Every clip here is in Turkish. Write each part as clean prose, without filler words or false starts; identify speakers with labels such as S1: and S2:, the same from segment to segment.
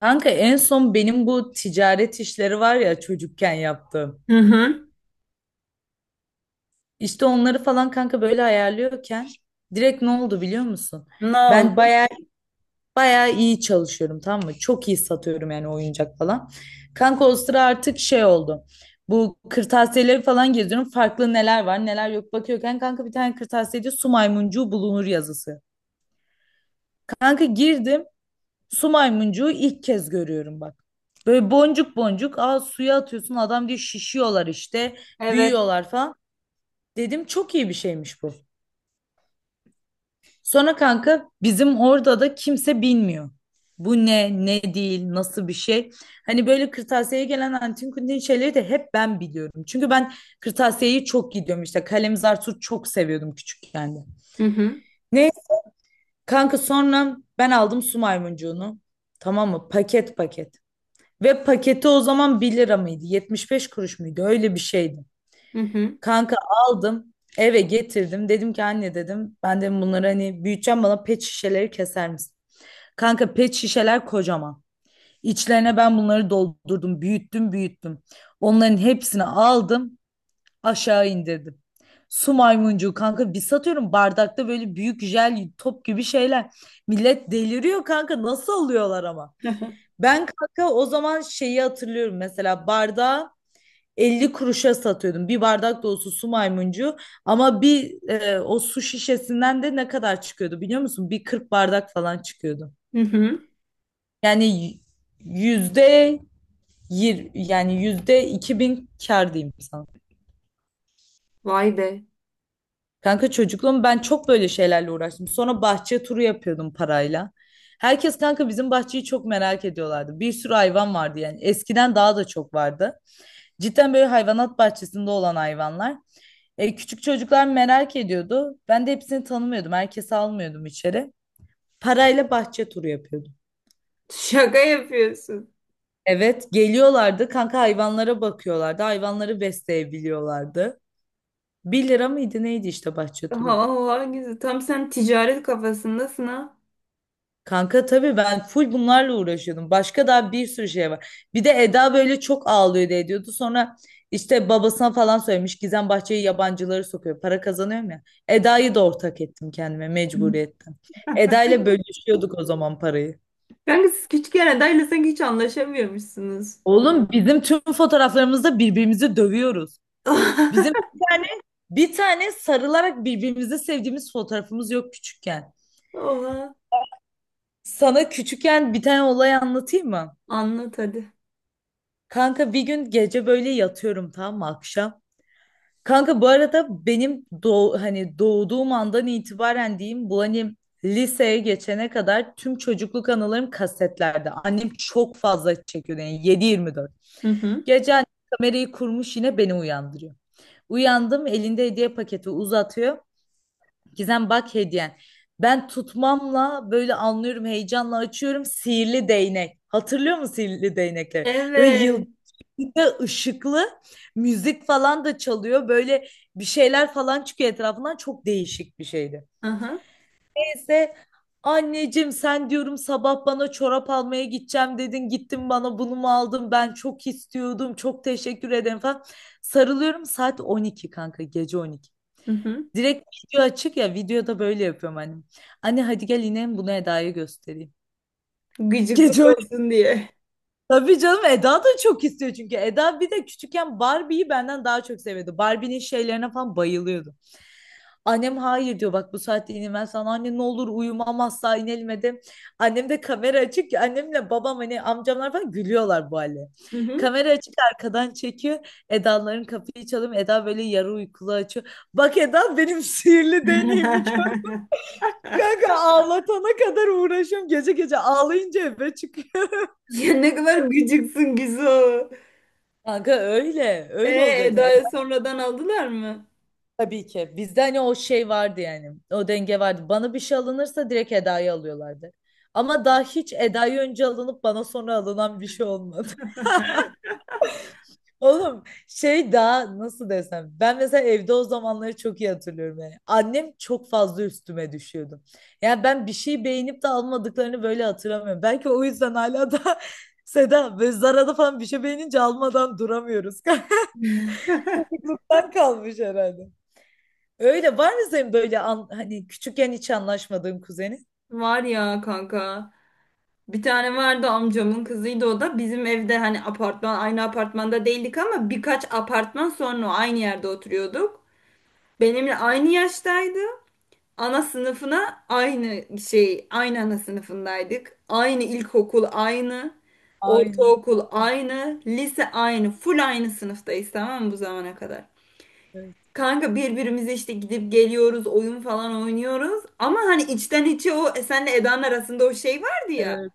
S1: Kanka en son benim bu ticaret işleri var ya çocukken yaptığım.
S2: Hı hı.
S1: İşte onları falan kanka böyle ayarlıyorken direkt ne oldu biliyor musun?
S2: Ne
S1: Ben
S2: oldu?
S1: baya baya iyi çalışıyorum, tamam mı? Çok iyi satıyorum yani, oyuncak falan. Kanka o sıra artık şey oldu. Bu kırtasiyeleri falan geziyorum. Farklı neler var neler yok bakıyorken kanka, bir tane kırtasiyede su maymuncuğu bulunur yazısı. Kanka girdim. Su maymuncuğu ilk kez görüyorum bak. Böyle boncuk boncuk, suya atıyorsun, adam diyor şişiyorlar işte,
S2: Evet.
S1: büyüyorlar falan. Dedim çok iyi bir şeymiş bu. Sonra kanka bizim orada da kimse bilmiyor. Bu ne, ne değil, nasıl bir şey. Hani böyle kırtasiyeye gelen antin kuntin şeyleri de hep ben biliyorum. Çünkü ben kırtasiyeyi çok gidiyorum işte. Kalemzar Su çok seviyordum küçükken de.
S2: Hı hı.
S1: Ne kanka, sonra ben aldım su maymuncuğunu. Tamam mı? Paket paket. Ve paketi o zaman 1 lira mıydı, 75 kuruş muydu? Öyle bir şeydi.
S2: Hı hı.
S1: Kanka aldım, eve getirdim. Dedim ki anne, dedim, ben de bunları hani büyüteceğim, bana pet şişeleri keser misin? Kanka pet şişeler kocaman. İçlerine ben bunları doldurdum, büyüttüm, büyüttüm. Onların hepsini aldım, aşağı indirdim. Su maymuncuğu kanka, bir satıyorum, bardakta böyle büyük jel top gibi şeyler. Millet deliriyor kanka, nasıl alıyorlar ama? Ben kanka o zaman şeyi hatırlıyorum, mesela bardağı 50 kuruşa satıyordum. Bir bardak dolusu su maymuncu ama bir, o su şişesinden de ne kadar çıkıyordu biliyor musun? Bir 40 bardak falan çıkıyordu.
S2: Hı hı.
S1: Yani y- yüzde yani %2.000 kar diyeyim sana.
S2: Vay be.
S1: Kanka çocukluğum ben çok böyle şeylerle uğraştım. Sonra bahçe turu yapıyordum parayla. Herkes kanka bizim bahçeyi çok merak ediyorlardı. Bir sürü hayvan vardı yani. Eskiden daha da çok vardı. Cidden böyle hayvanat bahçesinde olan hayvanlar. Küçük çocuklar merak ediyordu. Ben de hepsini tanımıyordum. Herkesi almıyordum içeri. Parayla bahçe turu yapıyordum.
S2: Şaka yapıyorsun.
S1: Evet, geliyorlardı. Kanka hayvanlara bakıyorlardı. Hayvanları besleyebiliyorlardı. 1 lira mıydı neydi işte bahçe turu?
S2: Allah güzel. Tam sen ticaret kafasındasın ha.
S1: Kanka tabii ben full bunlarla uğraşıyordum. Başka daha bir sürü şey var. Bir de Eda böyle çok ağlıyordu, ediyordu. Sonra işte babasına falan söylemiş. Gizem Bahçe'yi yabancıları sokuyor. Para kazanıyorum ya. Eda'yı da ortak ettim kendime mecburiyetten. Eda ile bölüşüyorduk o zaman parayı.
S2: Kanka siz küçükken adayla sanki hiç anlaşamıyormuşsunuz.
S1: Oğlum, bizim tüm fotoğraflarımızda birbirimizi dövüyoruz. Bizim bir tane sarılarak birbirimizi sevdiğimiz fotoğrafımız yok küçükken.
S2: Oha.
S1: Sana küçükken bir tane olay anlatayım mı?
S2: Anlat hadi.
S1: Kanka bir gün, gece böyle yatıyorum tam mı akşam? Kanka bu arada benim hani doğduğum andan itibaren diyeyim, bu hani liseye geçene kadar tüm çocukluk anılarım kasetlerde. Annem çok fazla çekiyor yani, 7/24.
S2: Hı hı.
S1: Gece annem kamerayı kurmuş, yine beni uyandırıyor. Uyandım, elinde hediye paketi uzatıyor. Gizem bak, hediyen. Ben tutmamla böyle anlıyorum, heyecanla açıyorum, sihirli değnek. Hatırlıyor musun sihirli değnekleri? Böyle
S2: Evet.
S1: bir de ışıklı müzik falan da çalıyor. Böyle bir şeyler falan çıkıyor etrafından. Çok değişik bir şeydi.
S2: Aha.
S1: Neyse, anneciğim sen diyorum sabah bana çorap almaya gideceğim dedin. Gittin bana bunu mu aldın? Ben çok istiyordum. Çok teşekkür ederim falan. Sarılıyorum, saat 12 kanka, gece 12.
S2: Hı hı.
S1: Direkt video açık ya, videoda böyle yapıyorum annem. Anne hadi gel inelim, bunu Eda'ya göstereyim.
S2: Gıcıklık
S1: Gece
S2: olsun diye.
S1: Tabii canım, Eda da çok istiyor çünkü. Eda bir de küçükken Barbie'yi benden daha çok seviyordu. Barbie'nin şeylerine falan bayılıyordu. Annem hayır diyor, bak bu saatte inilmez sana, anne ne olur uyumam asla, inelim dedim. Annem de kamera açık ki, annemle babam hani amcamlar falan gülüyorlar bu hale.
S2: Hı hı.
S1: Kamera açık arkadan çekiyor. Eda'ların kapıyı çalıyor. Eda böyle yarı uykulu açıyor. Bak Eda, benim sihirli deneyimi gör. Kanka ağlatana kadar uğraşıyorum. Gece gece ağlayınca eve çıkıyor.
S2: Ya ne kadar gıcıksın Gizo.
S1: Kanka öyle.
S2: E,
S1: Öyle olacaksın.
S2: Eda'ya sonradan aldılar mı?
S1: Tabii ki. Bizde hani o şey vardı yani. O denge vardı. Bana bir şey alınırsa direkt Eda'yı alıyorlardı. Ama daha hiç Eda'yı önce alınıp bana sonra alınan bir şey olmadı. Oğlum şey, daha nasıl desem. Ben mesela evde o zamanları çok iyi hatırlıyorum yani. Annem çok fazla üstüme düşüyordu. Yani ben bir şey beğenip de almadıklarını böyle hatırlamıyorum. Belki o yüzden hala da Seda ve Zara'da falan bir şey beğenince almadan duramıyoruz. Çocukluktan kalmış herhalde. Öyle var mı senin böyle hani küçükken hiç anlaşmadığın kuzenin?
S2: Var ya kanka. Bir tane vardı, amcamın kızıydı o da. Bizim evde hani apartman, aynı apartmanda değildik ama birkaç apartman sonra aynı yerde oturuyorduk. Benimle aynı yaştaydı. Ana sınıfına aynı şey, aynı ana sınıfındaydık. Aynı ilkokul aynı,
S1: Aynen.
S2: ortaokul
S1: Allah,
S2: aynı, lise aynı, full aynı sınıftayız, tamam mı, bu zamana kadar?
S1: Evet.
S2: Kanka birbirimize işte gidip geliyoruz, oyun falan oynuyoruz. Ama hani içten içe o e, senle Eda'nın arasında o şey vardı ya.
S1: Evet.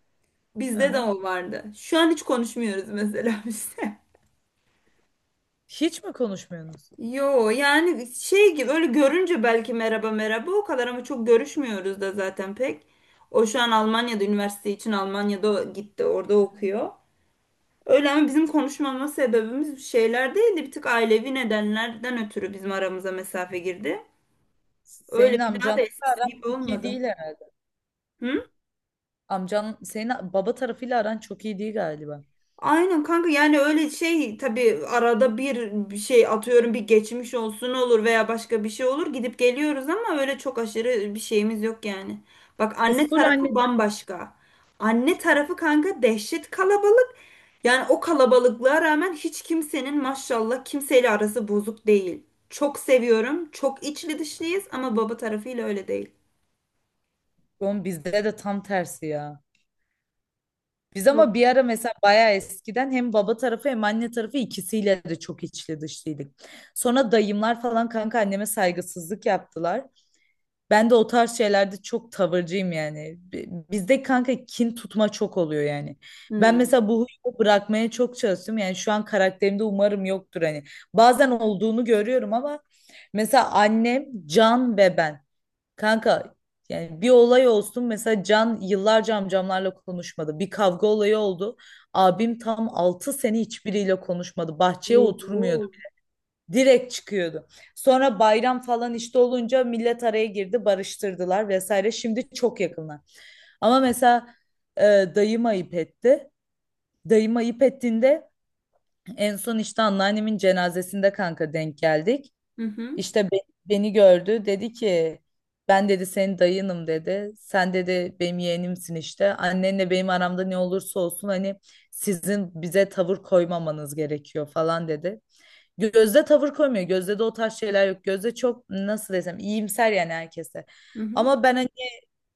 S2: Bizde de
S1: Aha.
S2: o vardı. Şu an hiç konuşmuyoruz mesela bizde.
S1: Hiç mi konuşmuyorsunuz?
S2: Yo, yani şey gibi, öyle görünce belki merhaba merhaba o kadar, ama çok görüşmüyoruz da zaten pek. O şu an Almanya'da, üniversite için Almanya'da gitti, orada okuyor. Öyle, ama bizim konuşmama sebebimiz şeyler değildi. Bir tık ailevi nedenlerden ötürü bizim aramıza mesafe girdi. Öyle,
S1: Senin
S2: bir daha da
S1: amcanla
S2: eskisi
S1: aran
S2: gibi
S1: çok iyi
S2: olmadı.
S1: değil herhalde.
S2: Hı?
S1: Amcan senin baba tarafıyla aran çok iyi değil galiba.
S2: Aynen kanka, yani öyle şey, tabii arada bir şey atıyorum, bir geçmiş olsun olur veya başka bir şey olur, gidip geliyoruz, ama öyle çok aşırı bir şeyimiz yok yani. Bak,
S1: Siz
S2: anne
S1: full anne.
S2: tarafı bambaşka. Anne tarafı kanka dehşet kalabalık. Yani o kalabalıklığa rağmen hiç kimsenin maşallah kimseyle arası bozuk değil. Çok seviyorum. Çok içli dışlıyız, ama baba tarafıyla öyle değil.
S1: Oğlum bizde de tam tersi ya. Biz
S2: Yok.
S1: ama bir ara mesela bayağı eskiden hem baba tarafı hem anne tarafı ikisiyle de çok içli dışlıydık. Sonra dayımlar falan kanka anneme saygısızlık yaptılar. Ben de o tarz şeylerde çok tavırcıyım yani. Bizde kanka kin tutma çok oluyor yani. Ben
S2: Hmm.
S1: mesela bu huyu bırakmaya çok çalıştım. Yani şu an karakterimde umarım yoktur hani. Bazen olduğunu görüyorum ama, mesela annem, Can ve ben. Kanka yani bir olay olsun, mesela Can yıllarca amcamlarla konuşmadı. Bir kavga olayı oldu. Abim tam altı sene hiçbiriyle konuşmadı. Bahçeye oturmuyordu.
S2: Oo.
S1: Direkt çıkıyordu. Sonra bayram falan işte olunca millet araya girdi, barıştırdılar vesaire. Şimdi çok yakınlar. Ama mesela e, dayım ayıp etti. Dayım ayıp ettiğinde en son işte anneannemin cenazesinde kanka denk geldik.
S2: Hı hı.
S1: İşte beni gördü, dedi ki ben dedi senin dayınım, dedi. Sen, dedi, benim yeğenimsin işte. Annenle benim aramda ne olursa olsun hani sizin bize tavır koymamanız gerekiyor falan dedi. Gözde tavır koymuyor. Gözde de o tarz şeyler yok. Gözde çok nasıl desem, iyimser yani herkese.
S2: Hı hı.
S1: Ama ben hani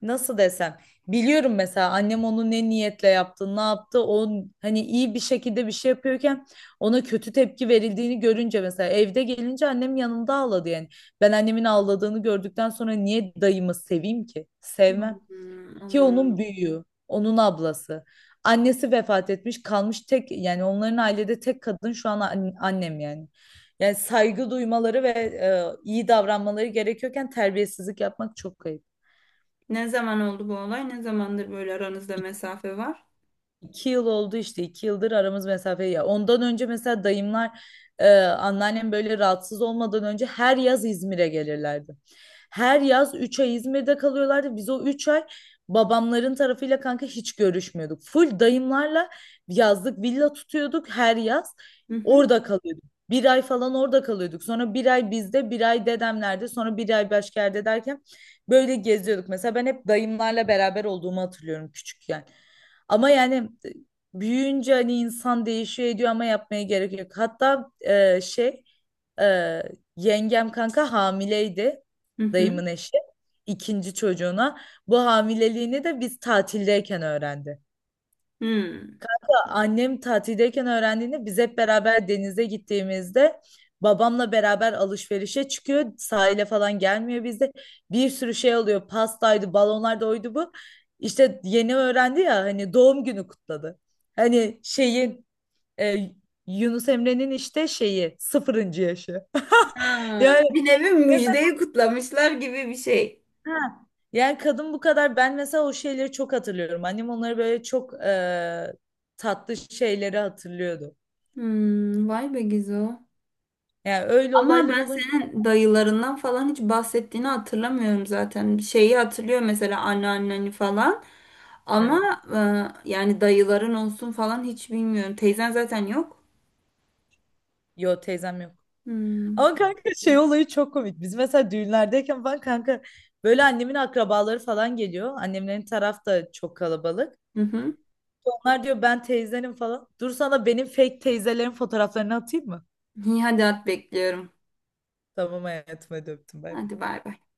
S1: nasıl desem, biliyorum mesela annem onu ne niyetle yaptı ne yaptı, o hani iyi bir şekilde bir şey yapıyorken ona kötü tepki verildiğini görünce, mesela evde gelince annem yanımda ağladı yani, ben annemin ağladığını gördükten sonra niye dayımı seveyim ki, sevmem
S2: Hmm,
S1: ki,
S2: anladım.
S1: onun büyüğü, onun ablası, annesi vefat etmiş, kalmış tek yani, onların ailede tek kadın şu an annem yani. Yani saygı duymaları ve iyi davranmaları gerekiyorken terbiyesizlik yapmak çok ayıp.
S2: Ne zaman oldu bu olay? Ne zamandır böyle aranızda mesafe var?
S1: 2 yıl oldu işte, 2 yıldır aramız mesafe ya. Ondan önce mesela dayımlar, anneannem böyle rahatsız olmadan önce her yaz İzmir'e gelirlerdi. Her yaz 3 ay İzmir'de kalıyorlardı. Biz o 3 ay babamların tarafıyla kanka hiç görüşmüyorduk. Full dayımlarla yazlık villa tutuyorduk her yaz.
S2: Hı hı.
S1: Orada kalıyorduk. 1 ay falan orada kalıyorduk. Sonra 1 ay bizde, 1 ay dedemlerde, sonra bir ay başka yerde derken, böyle geziyorduk. Mesela ben hep dayımlarla beraber olduğumu hatırlıyorum küçükken. Ama yani, e, büyüyünce hani insan değişiyor ediyor ama yapmaya gerek yok. Hatta e, yengem kanka hamileydi,
S2: Hı hı.
S1: dayımın eşi, 2. çocuğuna. Bu hamileliğini de biz tatildeyken öğrendi.
S2: Hmm.
S1: Annem tatildeyken öğrendiğinde, biz hep beraber denize gittiğimizde, babamla beraber alışverişe çıkıyor. Sahile falan gelmiyor bizde. Bir sürü şey oluyor. Pastaydı, balonlardı, oydu bu. İşte yeni öğrendi ya, hani doğum günü kutladı. Hani şeyin e, Yunus Emre'nin işte şeyi sıfırıncı yaşı.
S2: Ha,
S1: Yani
S2: bir nevi
S1: mesela
S2: müjdeyi kutlamışlar gibi bir şey.
S1: ha, yani kadın bu kadar, ben mesela o şeyleri çok hatırlıyorum. Annem onları böyle çok tatlı şeyleri hatırlıyordu.
S2: Hmm, vay be Gizo.
S1: Yani öyle
S2: Ama
S1: olaylar
S2: ben
S1: olunca.
S2: senin dayılarından falan hiç bahsettiğini hatırlamıyorum zaten. Şeyi hatırlıyor mesela, anneanneni falan. Ama
S1: Evet.
S2: e, yani dayıların olsun falan hiç bilmiyorum. Teyzen zaten yok.
S1: Yo teyzem yok.
S2: Hmm.
S1: Ama kanka şey olayı çok komik. Biz mesela düğünlerdeyken falan kanka böyle annemin akrabaları falan geliyor. Annemlerin taraf da çok kalabalık.
S2: Hı hı.
S1: Onlar diyor ben teyzenim falan. Dur sana benim fake teyzelerin fotoğraflarını atayım mı?
S2: İyi hadi, at bekliyorum.
S1: Tamam hayatım hadi öptüm, bay bay.
S2: Hadi bay bay.